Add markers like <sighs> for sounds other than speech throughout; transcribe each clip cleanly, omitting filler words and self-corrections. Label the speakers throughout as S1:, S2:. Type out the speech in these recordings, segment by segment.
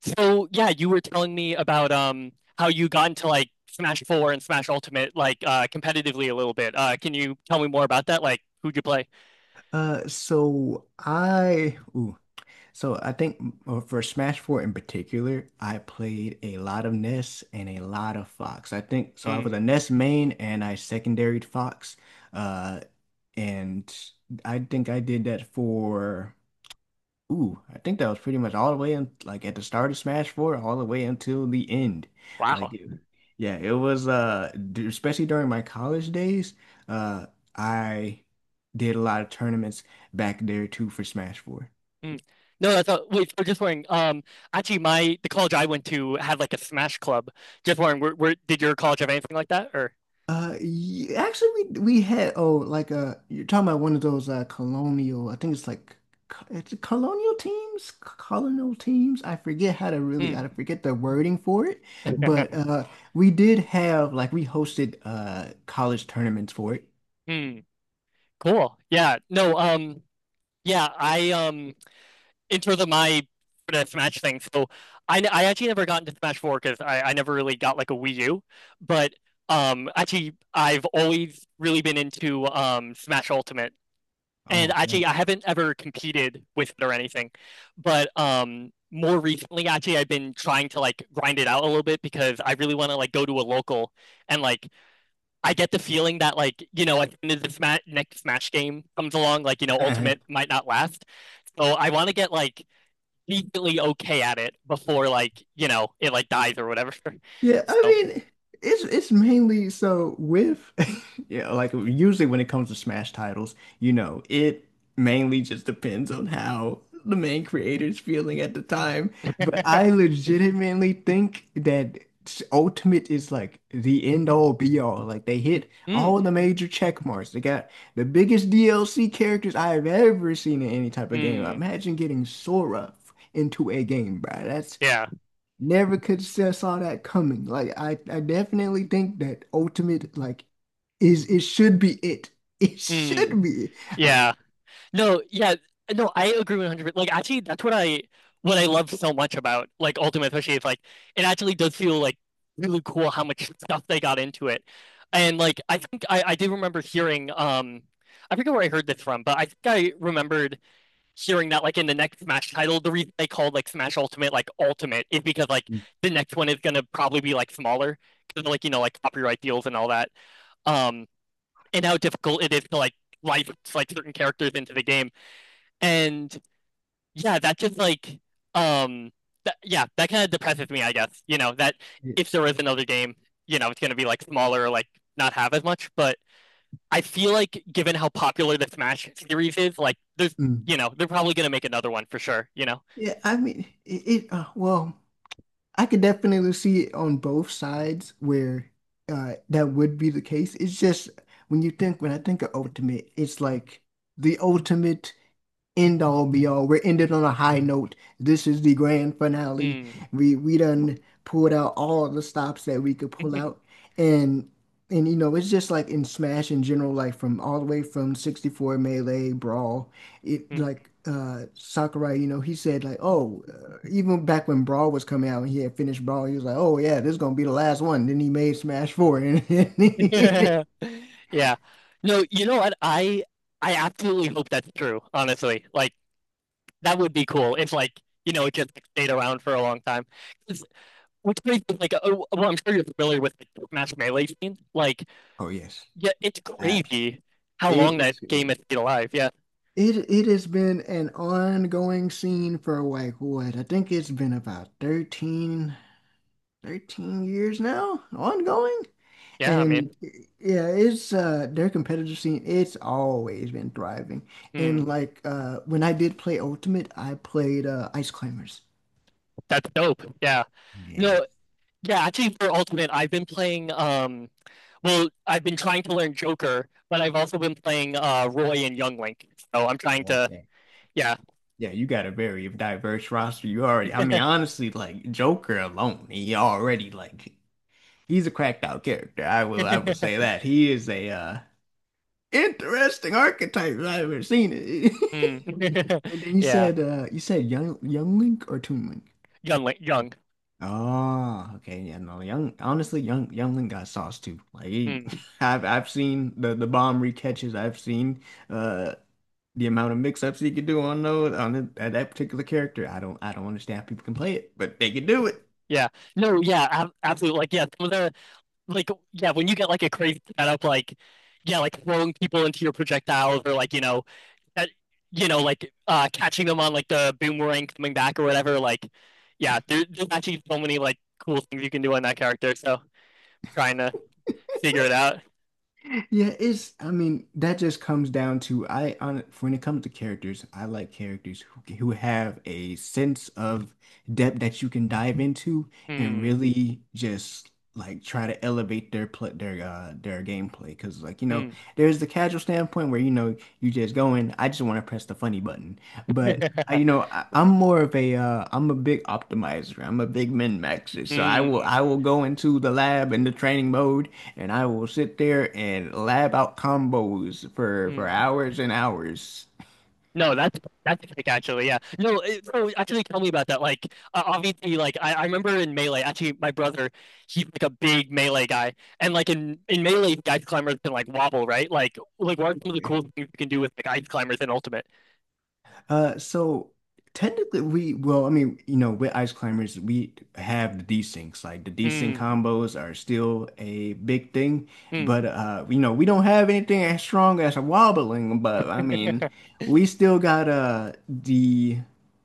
S1: So yeah, you were telling me about how you got into like Smash 4 and Smash Ultimate like competitively a little bit. Can you tell me more about that? Like who'd you play?
S2: Uh, so I, ooh, so I think for Smash 4 in particular, I played a lot of Ness and a lot of Fox. I think so. I was a
S1: Hmm.
S2: Ness main and I secondaried Fox. Uh, and I think I did that for. I think that was pretty much all the way in, like at the start of Smash 4, all the way until the end. Like,
S1: Wow.
S2: it- yeah, it was, especially during my college days, uh, I did a lot of tournaments back there too for Smash 4.
S1: Hmm. No, that's all. Wait, so just wondering. Actually, my the college I went to had like a Smash club. Just wondering, where did your college have anything like that? Or
S2: Y actually, we had, oh, like, you're talking about one of those colonial, I think it's like co- it's colonial teams, colonial teams. I forget how to really, I
S1: hmm,
S2: forget the wording for it, but we did have, like, we hosted college tournaments for it.
S1: hmm, cool. Yeah. No. Yeah. I into the my deathmatch thing. So I actually never got into Smash Four because I never really got like a Wii U. But actually, I've always really been into Smash Ultimate, and
S2: Oh
S1: actually, I haven't ever competed with it or anything. But more recently, actually, I've been trying to like grind it out a little bit because I really want to like go to a local and like I get the feeling that like you know as soon as the next Smash game comes along, like you know
S2: man.
S1: Ultimate
S2: <laughs>
S1: might not last. So I want to get like decently okay at it before like you know it like dies or whatever. <laughs>
S2: Yeah, I
S1: So,
S2: mean, it's mainly so with... <laughs> yeah, like usually when it comes to Smash titles, you know, it mainly just depends on how the main creator's feeling at the time. But
S1: <laughs>
S2: I
S1: mm,
S2: legitimately think that Ultimate is like the end all be all. Like, they hit all the major check marks. They got the biggest DLC characters I have ever seen in any type of game.
S1: mm,
S2: Imagine getting Sora into a game, bro. That's
S1: yeah,
S2: Never could say saw that coming. Like, I definitely think that ultimate, like, is it should be it. <laughs> It
S1: mm,
S2: should be. Uh,
S1: yeah. No, yeah, no, I agree 100% percent. Like actually, that's what I love so much about like Ultimate, especially is like it actually does feel like really cool how much stuff they got into it, and like I think I do remember hearing I forget where I heard this from, but I think I remembered hearing that like in the next Smash title, the reason they called like Smash Ultimate like Ultimate is because like the next one is gonna probably be like smaller because like you know like copyright deals and all that. Um, and how difficult it is to like license like certain characters into the game, and yeah, that just like um, yeah, that kind of depresses me, I guess. You know that
S2: yeah.
S1: if there is another game, you know it's gonna be like smaller, like not have as much, but. I feel like, given how popular the Smash series is, like
S2: Mm.
S1: you know, they're probably gonna make another one for sure, you know.
S2: Yeah, I mean, it well, I could definitely see it on both sides where that would be the case. It's just when I think of ultimate, it's like the ultimate end all be all. We're ended on a high note. This is the grand finale.
S1: Mm.
S2: We done pulled out all the stops that we could pull out.
S1: <laughs>
S2: And and you know, it's just like in Smash in general, like from all the way from 64, Melee, Brawl, it like Sakurai, you know, he said, like, oh, even back when Brawl was coming out and he had finished Brawl, he was like, oh yeah, this is gonna be the last one. Then he made Smash 4, and...
S1: Yeah. No, you know what? I absolutely hope that's true, honestly. Like that would be cool if like, you know, it just like stayed around for a long time. 'Cause- Which makes it like oh, well, I'm sure you're familiar with like Smash Melee scene. Like,
S2: <laughs> oh yes,
S1: yeah, it's
S2: absolutely.
S1: crazy how long
S2: It
S1: that
S2: is.
S1: game has been alive. Yeah.
S2: It has been an ongoing scene for, like, what? I think it's been about thirteen years now, ongoing.
S1: Yeah, I
S2: And
S1: mean,
S2: yeah, it's their competitive scene, it's always been thriving. And,
S1: hmm,
S2: like, when I did play Ultimate, I played Ice Climbers.
S1: that's dope. Yeah.
S2: Yeah.
S1: No, yeah, actually for Ultimate, I've been playing well, I've been trying to learn Joker, but I've also been playing Roy and Young Link. So I'm trying to,
S2: Okay.
S1: yeah.
S2: Yeah, you got a very diverse roster. You already, I mean,
S1: <laughs>
S2: honestly, like Joker alone, he already, like, he's a cracked out character. I will say that he is a interesting archetypes I've ever seen it.
S1: Hmm.
S2: <laughs>
S1: <laughs>
S2: And then you
S1: Yeah.
S2: said, young Link or Toon Link?
S1: Young Link, Young.
S2: Oh, okay, yeah, no, young, honestly, young Link got sauce too. Like, he...
S1: Hmm.
S2: <laughs> I've seen the bomb recatches. I've seen uh the amount of mix-ups he could do on those, on the, that particular character. I don't understand how people can play it, but they can do it.
S1: Yeah. No, yeah, ab absolutely. Yeah, some of like, yeah, when you get like a crazy setup, like, yeah, like throwing people into your projectiles or like, you know, that, you know, like catching them on like the boomerang coming back or whatever. Like, yeah, there's actually so many like cool things you can do on that character. So trying to figure it out.
S2: Yeah, it's, I mean, that just comes down to I on when it comes to characters, I like characters who have a sense of depth that you can dive into and
S1: Hmm.
S2: really just, like, try to elevate their play, their gameplay, because, like, you know,
S1: Mm.
S2: there's the casual standpoint where, you know, you just go in, I just want to press the funny button. But
S1: <laughs>
S2: I'm more of a I'm a big optimizer, I'm a big min maxer, so I will I
S1: Mm.
S2: will go into the lab and the training mode, and I will sit there and lab out combos for
S1: Mm.
S2: hours and hours.
S1: No, that's sick actually. Yeah. No, so actually tell me about that. Like obviously like I remember in Melee, actually my brother, he's like a big Melee guy. And like in Melee, ice climbers can like wobble, right? Like what are some of the cool things you can do with like ice climbers in Ultimate?
S2: So technically, we well, I mean, you know, with ice climbers, we have the desyncs. Like, the desync
S1: Mm.
S2: combos are still a big thing, but
S1: Mm.
S2: you know, we don't have anything as strong as a wobbling. But I mean, we still got the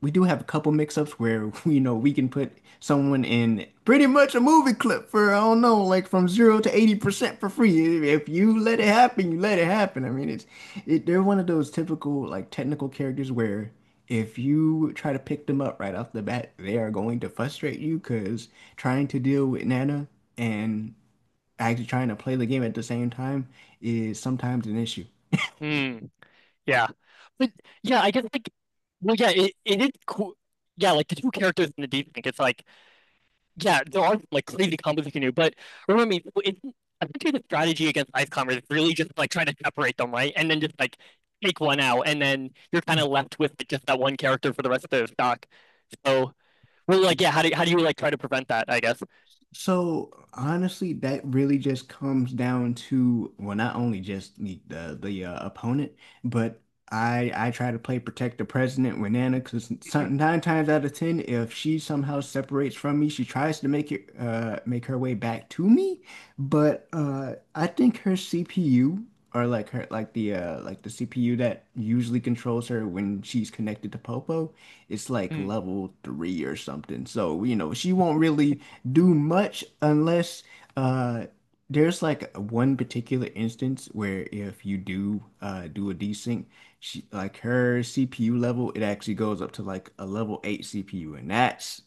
S2: we do have a couple mix-ups where <laughs> you know, we can put someone in pretty much a movie clip for, I don't know, like, from zero to 80% for free if you let it happen, you let it happen. I mean, they're one of those typical, like, technical characters where if you try to pick them up right off the bat, they are going to frustrate you because trying to deal with Nana and actually trying to play the game at the same time is sometimes an issue.
S1: Mm. <laughs> Yeah. But yeah, I guess like well yeah, it is cool. Yeah, like the two characters in the deep think it's like yeah, there are like crazy combos you can do, but remember me, I think the strategy against ice climbers is really just like trying to separate them, right? And then just like take one out, and then you're kind of left with like, just that one character for the rest of the stock. So really, like, yeah, how do you like try to prevent that? I guess.
S2: So honestly, that really just comes down to, well, not only just the opponent, but I try to play protect the president with Nana, because nine times out of ten, if she somehow separates from me, she tries to make her way back to me. But I think her CPU, or, like, her, like, the the CPU that usually controls her when she's connected to Popo, it's like
S1: Hmm.
S2: level three or something. So you know she won't really do much unless uh there's like one particular instance where if you do a desync, she, like, her CPU level, it actually goes up to like a level 8 CPU, and that's,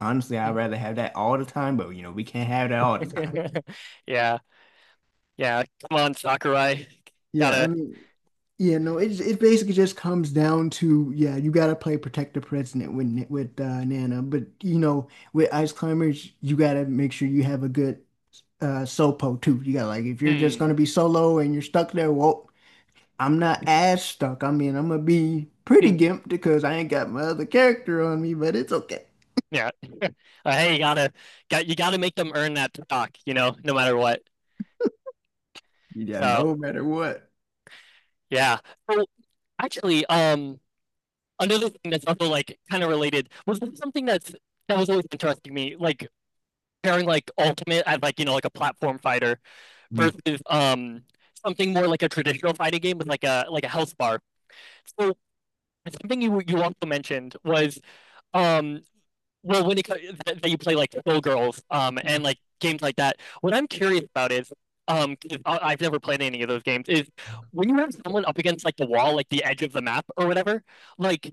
S2: honestly, I'd
S1: <laughs>
S2: rather have that all the time, but you know we can't have that all the time.
S1: Yeah, yeah. Come on, Sakurai.
S2: Yeah, I
S1: Gotta.
S2: mean, yeah, no, it basically just comes down to, yeah, you gotta play Protect the President with, Nana, but you know, with Ice Climbers, you gotta make sure you have a good sopo too. You got, like, if you're just
S1: Hmm.
S2: gonna be solo and you're stuck there, well, I'm not as stuck. I mean, I'm gonna be pretty
S1: Hmm.
S2: gimped because I ain't got my other character on me, but it's okay.
S1: Yeah. <laughs> Hey, got you gotta make them earn that stock, you know, no matter what.
S2: Yeah,
S1: So
S2: no matter what.
S1: yeah. So actually, another thing that's also like kind of related was something that's that was always interesting to me, like pairing like Ultimate as like you know like a platform fighter
S2: Mm.
S1: versus something more like a traditional fighting game with like a health bar. So something you also mentioned was um well, when it co- that you play like Skull Girls, and like games like that. What I'm curious about is, 'cause I've never played any of those games. Is when you have someone up against like the wall, like the edge of the map or whatever, like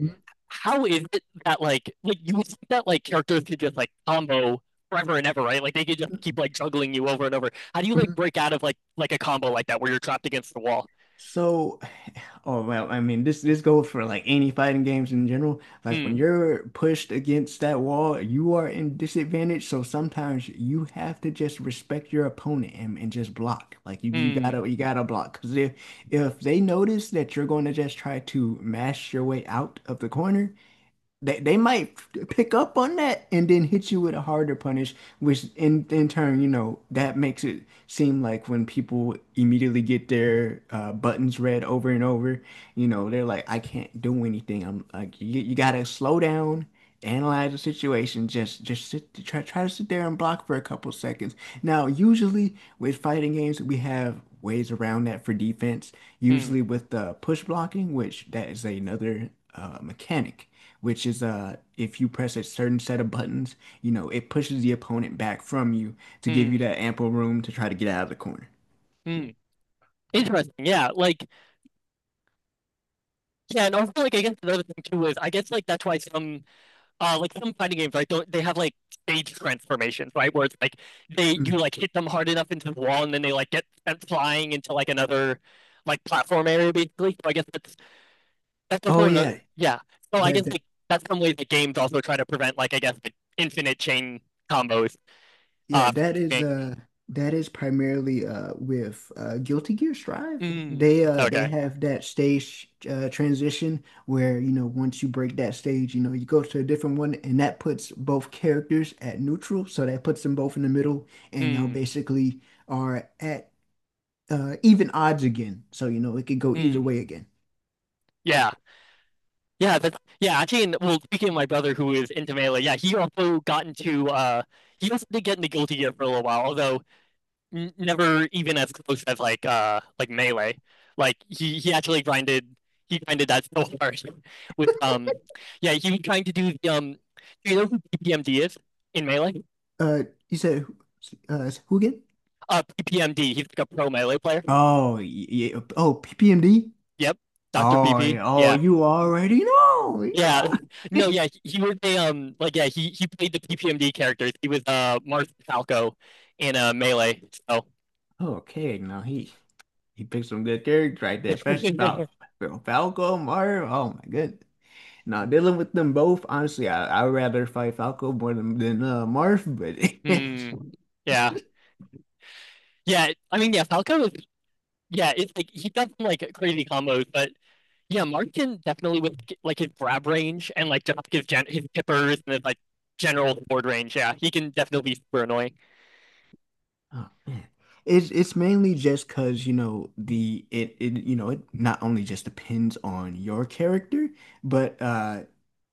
S1: how is it that like you would think that like characters could just like combo forever and ever, right? Like they could just keep like juggling you over and over. How do you like break out of like a combo like that where you're trapped against the wall?
S2: So... <sighs> oh, well, I mean, this goes for, like, any fighting games in general. Like, when
S1: Hmm.
S2: you're pushed against that wall, you are in disadvantage. So sometimes you have to just respect your opponent, and just block. Like, you
S1: Hmm.
S2: gotta you gotta block, because if they notice that you're going to just try to mash your way out of the corner, they might pick up on that and then hit you with a harder punish, which in turn, you know, that makes it seem like when people immediately get their buttons read over and over, you know, they're like, I can't do anything. I'm like, you gotta slow down, analyze the situation, just sit try try to sit there and block for a couple seconds. Now, usually with fighting games, we have ways around that for defense,
S1: Hmm.
S2: usually with push blocking, which that is another mechanic, which is if you press a certain set of buttons, you know, it pushes the opponent back from you to give
S1: Hmm.
S2: you that ample room to try to get out of the corner.
S1: Hmm. Interesting. Yeah. Like. Yeah, and also like I guess another thing too is I guess like that's why some like some fighting games right don't they have like stage transformations right where it's like they you
S2: Mm.
S1: like hit them hard enough into the wall and then they like get sent flying into like another like platform area basically so I guess that's
S2: Oh
S1: also
S2: yeah.
S1: another yeah so I
S2: Yeah,
S1: guess
S2: that,
S1: like that's some way the games also try to prevent like I guess like infinite chain combos
S2: yeah,
S1: uh
S2: that is
S1: game.
S2: primarily with Guilty Gear Strive.
S1: Mm,
S2: They
S1: okay
S2: have that stage transition where, you know, once you break that stage, you know, you go to a different one and that puts both characters at neutral, so that puts them both in the middle, and y'all
S1: mm,
S2: basically are at even odds again. So, you know, it could go either
S1: mm,
S2: way again.
S1: yeah yeah, that's yeah, actually and well speaking of my brother who is into melee, yeah, he also got into he also did get into Guilty Gear for a little while, although n never even as close as like melee. Like he actually grinded he grinded that so hard <laughs> with yeah, he was trying to do the do you know who PPMD is in melee?
S2: Uh, you said, who again?
S1: PPMD, he's like a pro melee player.
S2: Oh, yeah. Oh, PPMD.
S1: Yep. Dr.
S2: Oh, yeah.
S1: PP.
S2: Oh,
S1: Yeah.
S2: you already know. You
S1: Yeah,
S2: are.
S1: <laughs> no,
S2: <laughs>
S1: yeah, he was a like yeah he played the PPMD characters. He was Mars Falco in Melee. So,
S2: Okay, now he picked some good characters right there,
S1: <laughs>
S2: especially about Falco, Mario. Oh my goodness. Now dealing with them both, honestly, I'd rather fight Falco more than Marth, but...
S1: hmm, yeah,
S2: <laughs>
S1: yeah. I mean, yeah, Falco is yeah. It's like he does some like crazy combos, but yeah, Marth can definitely with like his grab range and like just his tippers and his like general board range. Yeah, he can definitely be super annoying.
S2: Oh man. It's mainly just because, you know, it not only just depends on your character, but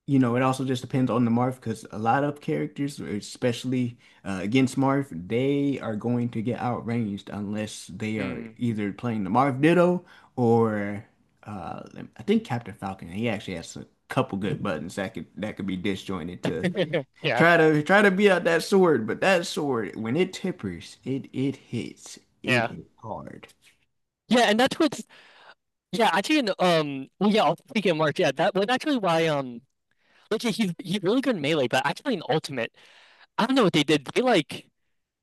S2: you know, it also just depends on the Marth, because a lot of characters, especially against Marth, they are going to get outranged unless they are
S1: Hmm.
S2: either playing the Marth Ditto or uh, I think Captain Falcon. He actually has a couple good
S1: Hmm.
S2: buttons that could be disjointed to
S1: <laughs> Yeah,
S2: try to beat out that sword. But that sword, when it tippers, it hits. It
S1: yeah,
S2: hit hard.
S1: yeah, and that's what's yeah, actually, in, well, yeah, I'll take it, Mark. Yeah, that was actually why, like, yeah, he's really good in melee, but actually in ultimate, I don't know what they did.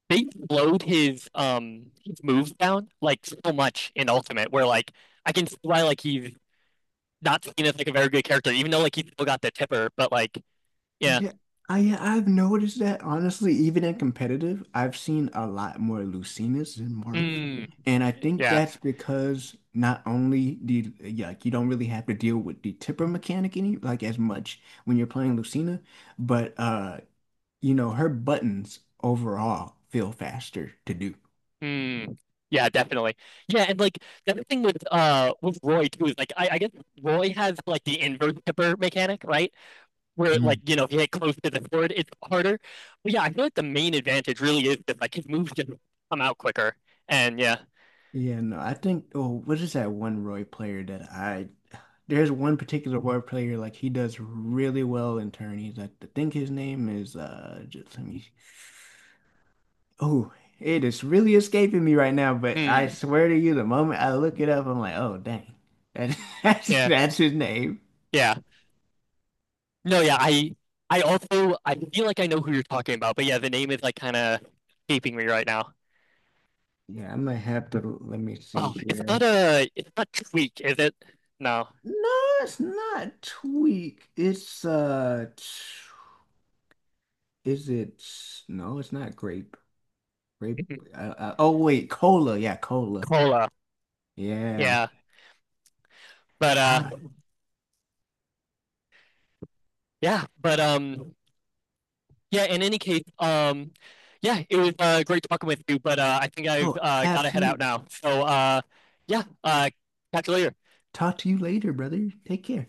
S1: They slowed his moves down like so much in ultimate, where like I can see why like he's not seen as like a very good character, even though like he still got the tipper, but like yeah,
S2: Yeah, yeah, I've noticed that, honestly. Even in competitive, I've seen a lot more Lucinas than Marth.
S1: mm,
S2: And I think
S1: yeah,
S2: that's because not only the yeah, like, you don't really have to deal with the tipper mechanic any, like, as much when you're playing Lucina, but you know, her buttons overall feel faster to do.
S1: mm, yeah, definitely, yeah, and like the other thing with Roy too is like I guess Roy has like the inverse tipper mechanic, right? Where like you know if you hit close to the board, it's harder. But yeah, I feel like the main advantage really is that like his moves just come out quicker. And yeah,
S2: Yeah, no, I think, oh, what is that one Roy player that I, there's one particular Roy player, like he does really well in tourneys. I think his name is, just let me, oh, it is really escaping me right now, but I
S1: hmm,
S2: swear to you, the moment I look it up, I'm like, oh, dang, that, <laughs>
S1: yeah,
S2: that's his name.
S1: yeah. No, yeah, I also I feel like I know who you're talking about, but yeah, the name is like kind of escaping me right now.
S2: Yeah, I might have to, let me see
S1: Oh,
S2: here.
S1: it's not Tweak, is it? No,
S2: No, it's not Tweak. It's, is it, no, it's not grape. Grape.
S1: <laughs>
S2: Oh wait, cola. Yeah, cola.
S1: Cola.
S2: Yeah.
S1: Yeah, but
S2: Ah,
S1: yeah, but yeah, in any case, yeah, it was great talking with you, but I think I've
S2: oh,
S1: got to head out
S2: absolutely.
S1: now. So yeah, catch you later.
S2: Talk to you later, brother. Take care.